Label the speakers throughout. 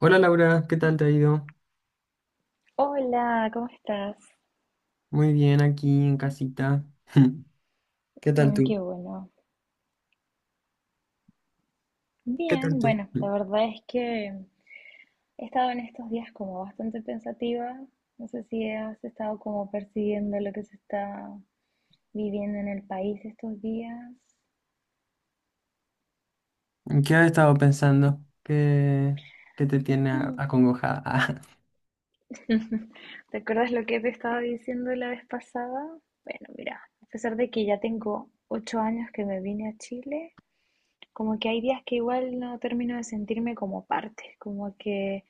Speaker 1: Hola Laura, ¿qué tal te ha ido?
Speaker 2: Hola, ¿cómo estás?
Speaker 1: Muy bien aquí en casita. ¿Qué tal
Speaker 2: Mm,
Speaker 1: tú?
Speaker 2: qué bueno.
Speaker 1: ¿Qué tal
Speaker 2: Bien,
Speaker 1: tú?
Speaker 2: bueno, la verdad es que he estado en estos días como bastante pensativa. No sé si has estado como percibiendo lo que se está viviendo en el país estos días.
Speaker 1: ¿En ¿Qué has estado pensando? ¿Qué te tiene
Speaker 2: Hmm.
Speaker 1: acongojada?
Speaker 2: ¿Te acuerdas lo que te estaba diciendo la vez pasada? Bueno, mira, a pesar de que ya tengo 8 años que me vine a Chile, como que hay días que igual no termino de sentirme como parte, como que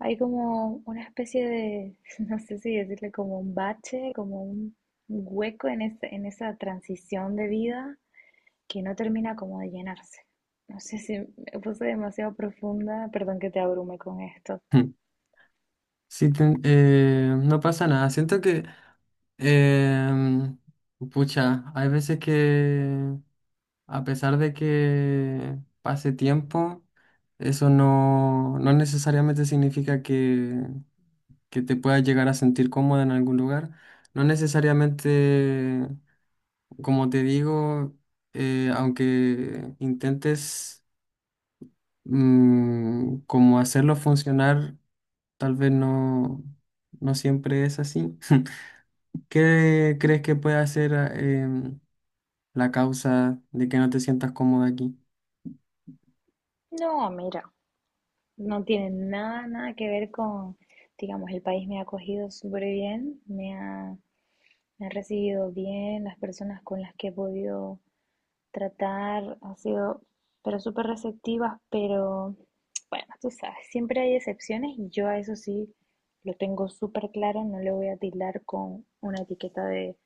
Speaker 2: hay como una especie de, no sé si decirle como un bache, como un hueco en en esa transición de vida que no termina como de llenarse. No sé si me puse demasiado profunda, perdón que te abrume con esto.
Speaker 1: Sí, no pasa nada. Siento que, em, pucha, hay veces que a pesar de que pase tiempo, eso no necesariamente significa que te puedas llegar a sentir cómoda en algún lugar. No necesariamente, como te digo, aunque intentes como hacerlo funcionar, tal vez no, siempre es así. ¿Qué crees que puede ser la causa de que no te sientas cómoda aquí?
Speaker 2: No, mira, no tiene nada, nada que ver con, digamos, el país me ha acogido súper bien, me ha recibido bien, las personas con las que he podido tratar, ha sido, pero súper receptivas, pero bueno, tú sabes, siempre hay excepciones y yo a eso sí lo tengo súper claro, no le voy a tildar con una etiqueta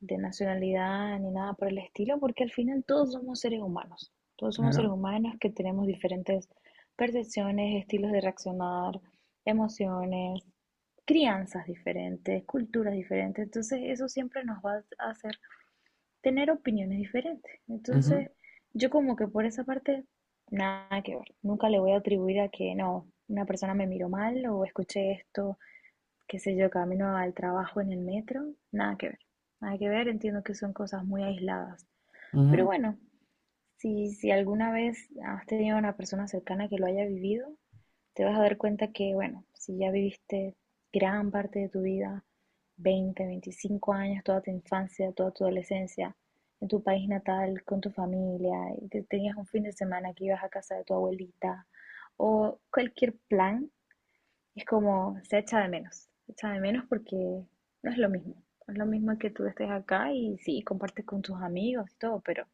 Speaker 2: de nacionalidad ni nada por el estilo, porque al final todos somos seres humanos, todos somos seres
Speaker 1: Claro.
Speaker 2: humanos que tenemos diferentes percepciones, estilos de reaccionar, emociones, crianzas diferentes, culturas diferentes, entonces eso siempre nos va a hacer tener opiniones diferentes.
Speaker 1: Ujú,
Speaker 2: Entonces, yo como que por esa parte, nada que ver. Nunca le voy a atribuir a que no, una persona me miró mal o escuché esto, qué sé yo, camino al trabajo en el metro, nada que ver. Nada que ver, entiendo que son cosas muy aisladas. Pero
Speaker 1: ujú.
Speaker 2: bueno, si, si alguna vez has tenido una persona cercana que lo haya vivido, te vas a dar cuenta que, bueno, si ya viviste gran parte de tu vida, 20 25 años, toda tu infancia, toda tu adolescencia, en tu país natal, con tu familia, y tenías un fin de semana que ibas a casa de tu abuelita, o cualquier plan, es como se echa de menos, se echa de menos porque no es lo mismo, no es lo mismo que tú estés acá y sí, compartes con tus amigos y todo, pero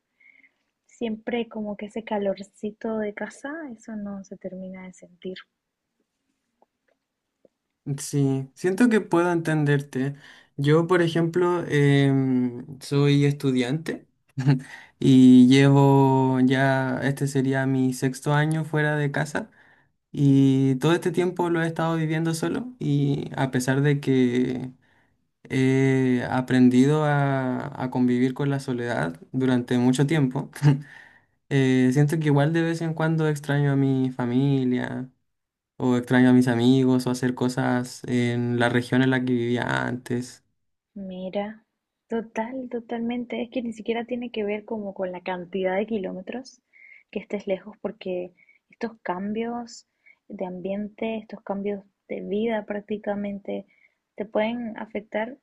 Speaker 2: siempre como que ese calorcito de casa, eso no se termina de sentir.
Speaker 1: Sí, siento que puedo entenderte. Yo, por ejemplo, soy estudiante y llevo ya, este sería mi sexto año fuera de casa, y todo este tiempo lo he estado viviendo solo, y a pesar de que he aprendido a convivir con la soledad durante mucho tiempo, siento que igual de vez en cuando extraño a mi familia o extraño a mis amigos, o hacer cosas en la región en la que vivía antes.
Speaker 2: Mira, total, totalmente. Es que ni siquiera tiene que ver como con la cantidad de kilómetros que estés lejos, porque estos cambios de ambiente, estos cambios de vida prácticamente, te pueden afectar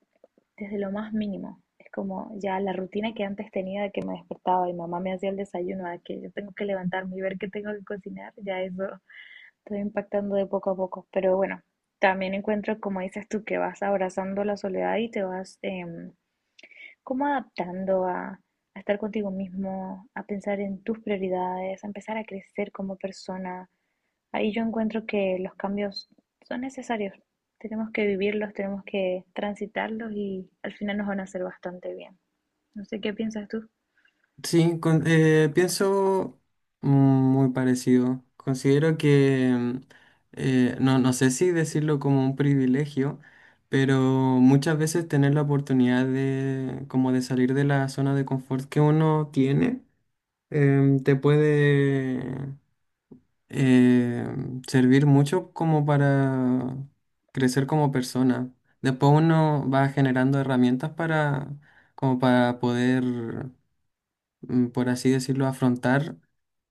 Speaker 2: desde lo más mínimo. Es como ya la rutina que antes tenía de que me despertaba y mamá me hacía el desayuno, a que yo tengo que levantarme y ver qué tengo que cocinar, ya eso estoy impactando de poco a poco, pero bueno, también encuentro, como dices tú, que vas abrazando la soledad y te vas como adaptando a estar contigo mismo, a pensar en tus prioridades, a empezar a crecer como persona. Ahí yo encuentro que los cambios son necesarios, tenemos que vivirlos, tenemos que transitarlos y al final nos van a hacer bastante bien. No sé qué piensas tú.
Speaker 1: Sí, pienso muy parecido. Considero que, no sé si decirlo como un privilegio, pero muchas veces tener la oportunidad como de salir de la zona de confort que uno tiene, te puede eh, servir mucho como para crecer como persona. Después uno va generando herramientas como para poder, por así decirlo, afrontar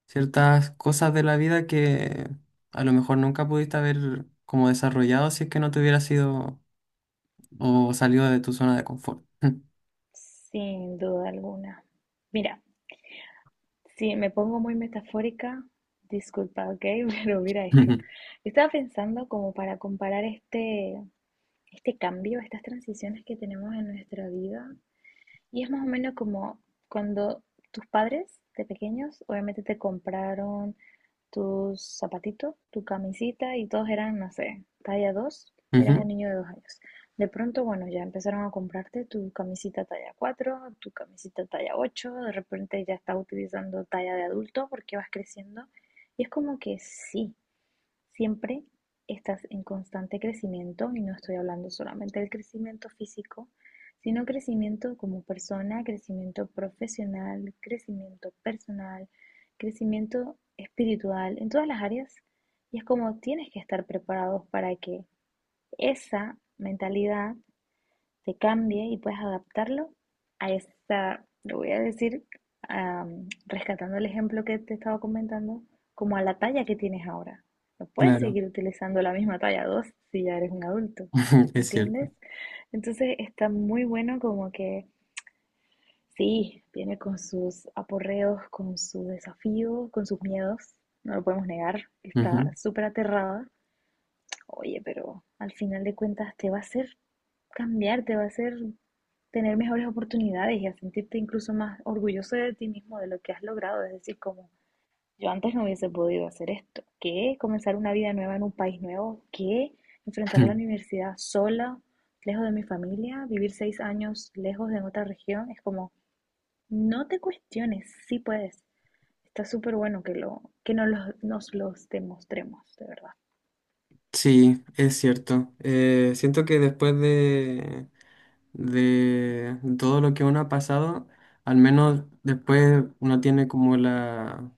Speaker 1: ciertas cosas de la vida que a lo mejor nunca pudiste haber como desarrollado si es que no te hubieras sido o salido de tu zona de confort.
Speaker 2: Sin duda alguna. Mira, si me pongo muy metafórica, disculpa, ¿ok? Pero mira esto. Estaba pensando como para comparar este cambio, estas transiciones que tenemos en nuestra vida. Y es más o menos como cuando tus padres de pequeños obviamente te compraron tus zapatitos, tu camisita y todos eran, no sé, talla 2, eras
Speaker 1: Ujú.
Speaker 2: un niño de 2 años. De pronto, bueno, ya empezaron a comprarte tu camisita talla 4, tu camisita talla 8, de repente ya estás utilizando talla de adulto porque vas creciendo. Y es como que sí, siempre estás en constante crecimiento y no estoy hablando solamente del crecimiento físico, sino crecimiento como persona, crecimiento profesional, crecimiento personal, crecimiento espiritual, en todas las áreas. Y es como tienes que estar preparados para que esa mentalidad se cambie y puedas adaptarlo a esa, lo voy a decir, rescatando el ejemplo que te estaba comentando, como a la talla que tienes ahora. No puedes
Speaker 1: Claro,
Speaker 2: seguir utilizando la misma talla 2 si ya eres un adulto,
Speaker 1: es cierto.
Speaker 2: ¿entiendes? Entonces está muy bueno como que sí, viene con sus aporreos, con sus desafíos, con sus miedos, no lo podemos negar, está
Speaker 1: Ujú.
Speaker 2: súper aterrada. Oye, pero al final de cuentas te va a hacer cambiar, te va a hacer tener mejores oportunidades y a sentirte incluso más orgulloso de ti mismo, de lo que has logrado. Es decir, como yo antes no hubiese podido hacer esto. ¿Qué? Comenzar una vida nueva en un país nuevo. ¿Qué? Enfrentar la universidad sola, lejos de mi familia, vivir 6 años lejos de otra región. Es como, no te cuestiones, sí puedes. Está súper bueno que, lo, que nos los demostremos, de verdad.
Speaker 1: Sí, es cierto. Siento que después de todo lo que uno ha pasado, al menos después uno tiene como la,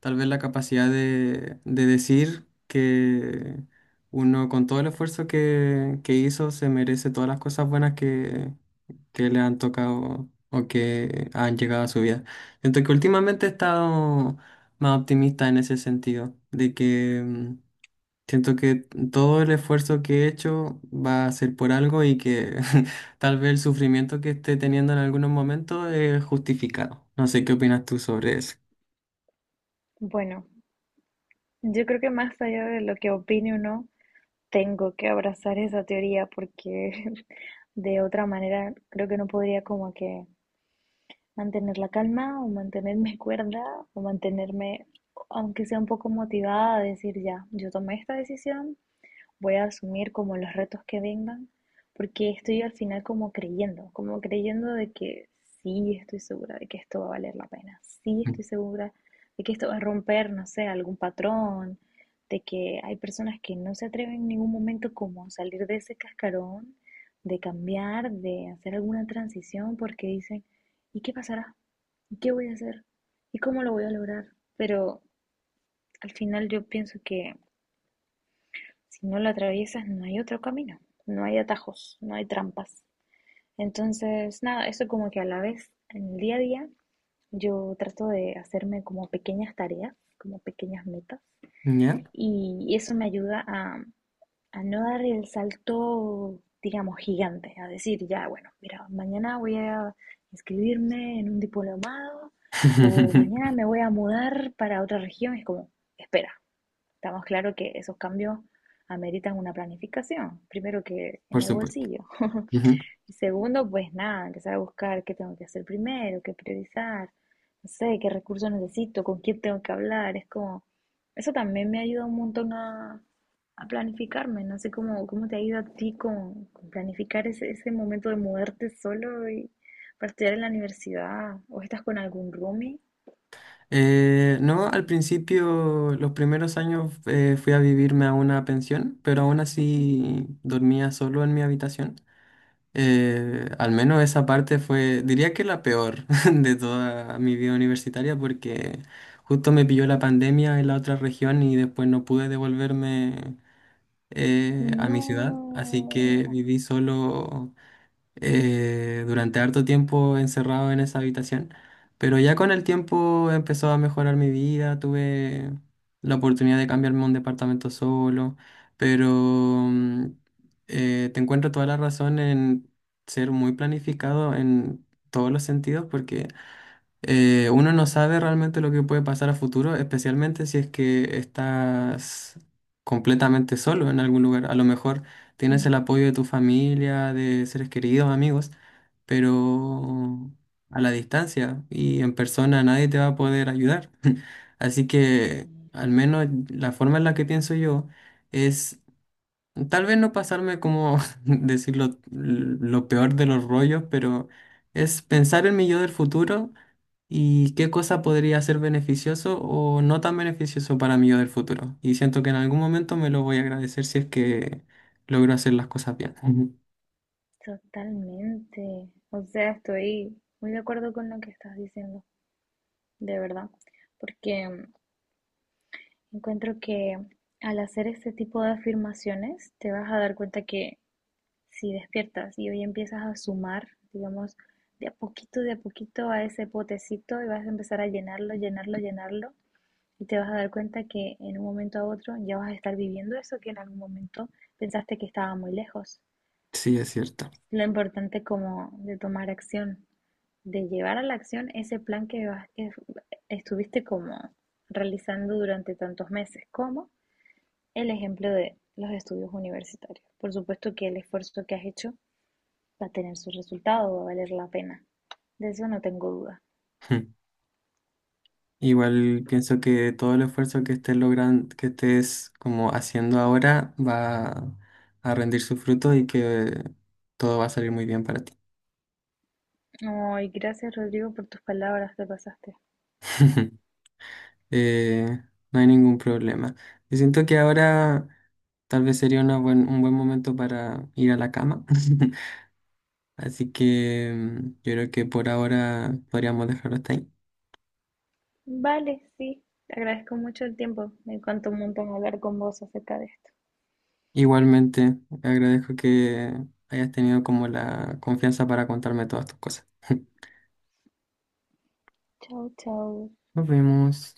Speaker 1: tal vez la capacidad de decir que uno con todo el esfuerzo que hizo se merece todas las cosas buenas que le han tocado o que han llegado a su vida. Siento que últimamente he estado más optimista en ese sentido, de que... mm, siento que todo el esfuerzo que he hecho va a ser por algo, y que tal vez el sufrimiento que esté teniendo en algunos momentos es justificado. No sé qué opinas tú sobre eso.
Speaker 2: Bueno, yo creo que más allá de lo que opine o no, tengo que abrazar esa teoría porque de otra manera creo que no podría como que mantener la calma o mantenerme cuerda o mantenerme, aunque sea un poco motivada a decir ya, yo tomé esta decisión, voy a asumir como los retos que vengan, porque estoy al final como creyendo de que sí estoy segura de que esto va a valer la pena, sí estoy segura de que esto va a romper, no sé, algún patrón, de que hay personas que no se atreven en ningún momento como a salir de ese cascarón, de cambiar, de hacer alguna transición, porque dicen, ¿y qué pasará? ¿Y qué voy a hacer? ¿Y cómo lo voy a lograr? Pero al final yo pienso que si no lo atraviesas, no hay otro camino, no hay atajos, no hay trampas. Entonces, nada, eso como que a la vez, en el día a día, yo trato de hacerme como pequeñas tareas, como pequeñas metas,
Speaker 1: ¿Ya?
Speaker 2: y eso me ayuda a no dar el salto, digamos, gigante, a decir, ya, bueno, mira, mañana voy a inscribirme en un diplomado o mañana me voy a mudar para otra región. Es como, espera, estamos claro que esos cambios ameritan una planificación. Primero que en
Speaker 1: Por
Speaker 2: el
Speaker 1: supuesto.
Speaker 2: bolsillo.
Speaker 1: Ujú.
Speaker 2: Y segundo, pues nada, empezar a buscar qué tengo que hacer primero, qué priorizar, no sé, qué recursos necesito, con quién tengo que hablar. Es como, eso también me ayuda un montón a planificarme. No sé cómo te ha ido a ti con planificar ese momento de mudarte solo y para estudiar en la universidad. ¿O estás con algún roomie?
Speaker 1: No, al principio, los primeros años fui a vivirme a una pensión, pero aún así dormía solo en mi habitación. Al menos esa parte fue, diría que la peor de toda mi vida universitaria, porque justo me pilló la pandemia en la otra región y después no pude devolverme a mi ciudad, así que
Speaker 2: No.
Speaker 1: viví solo durante harto tiempo encerrado en esa habitación, pero ya con el tiempo empezó a mejorar mi vida, tuve la oportunidad de cambiarme a un departamento solo, pero mm, te encuentro toda la razón en ser muy planificado en todos los sentidos, porque uno no sabe realmente lo que puede pasar a futuro, especialmente si es que estás completamente solo en algún lugar. A lo mejor tienes el
Speaker 2: Mm,
Speaker 1: apoyo de tu familia, de seres queridos, amigos, pero a la distancia y en persona nadie te va a poder ayudar. Así que
Speaker 2: sí.
Speaker 1: al menos la forma en la que pienso yo es tal vez no pasarme como decirlo lo peor de los rollos, pero es pensar en mi yo del futuro. ¿Y qué cosa podría ser beneficioso o no tan beneficioso para mí yo del futuro? Y siento que en algún momento me lo voy a agradecer si es que logro hacer las cosas bien. Ujú.
Speaker 2: Totalmente. O sea, estoy muy de acuerdo con lo que estás diciendo, de verdad, porque encuentro que al hacer este tipo de afirmaciones te vas a dar cuenta que si despiertas y hoy empiezas a sumar, digamos, de a poquito a ese potecito y vas a empezar a llenarlo, llenarlo, llenarlo, y te vas a dar cuenta que en un momento a otro ya vas a estar viviendo eso que en algún momento pensaste que estaba muy lejos.
Speaker 1: Sí, es cierto.
Speaker 2: Lo importante como de tomar acción, de llevar a la acción ese plan que estuviste como realizando durante tantos meses, como el ejemplo de los estudios universitarios. Por supuesto que el esfuerzo que has hecho va a tener su resultado, va a valer la pena. De eso no tengo duda.
Speaker 1: Igual pienso que todo el esfuerzo que estés logrando, que estés como haciendo ahora, va a rendir su fruto, y que todo va a salir muy bien para ti.
Speaker 2: Ay, gracias Rodrigo por tus palabras, te pasaste.
Speaker 1: Eh, no hay ningún problema. Yo siento que ahora tal vez sería una un buen momento para ir a la cama. Así que yo creo que por ahora podríamos dejarlo hasta ahí.
Speaker 2: Vale, sí, te agradezco mucho el tiempo. Me encantó un montón hablar con vos acerca de esto.
Speaker 1: Igualmente, agradezco que hayas tenido como la confianza para contarme todas tus cosas.
Speaker 2: Chao, chao.
Speaker 1: Nos vemos.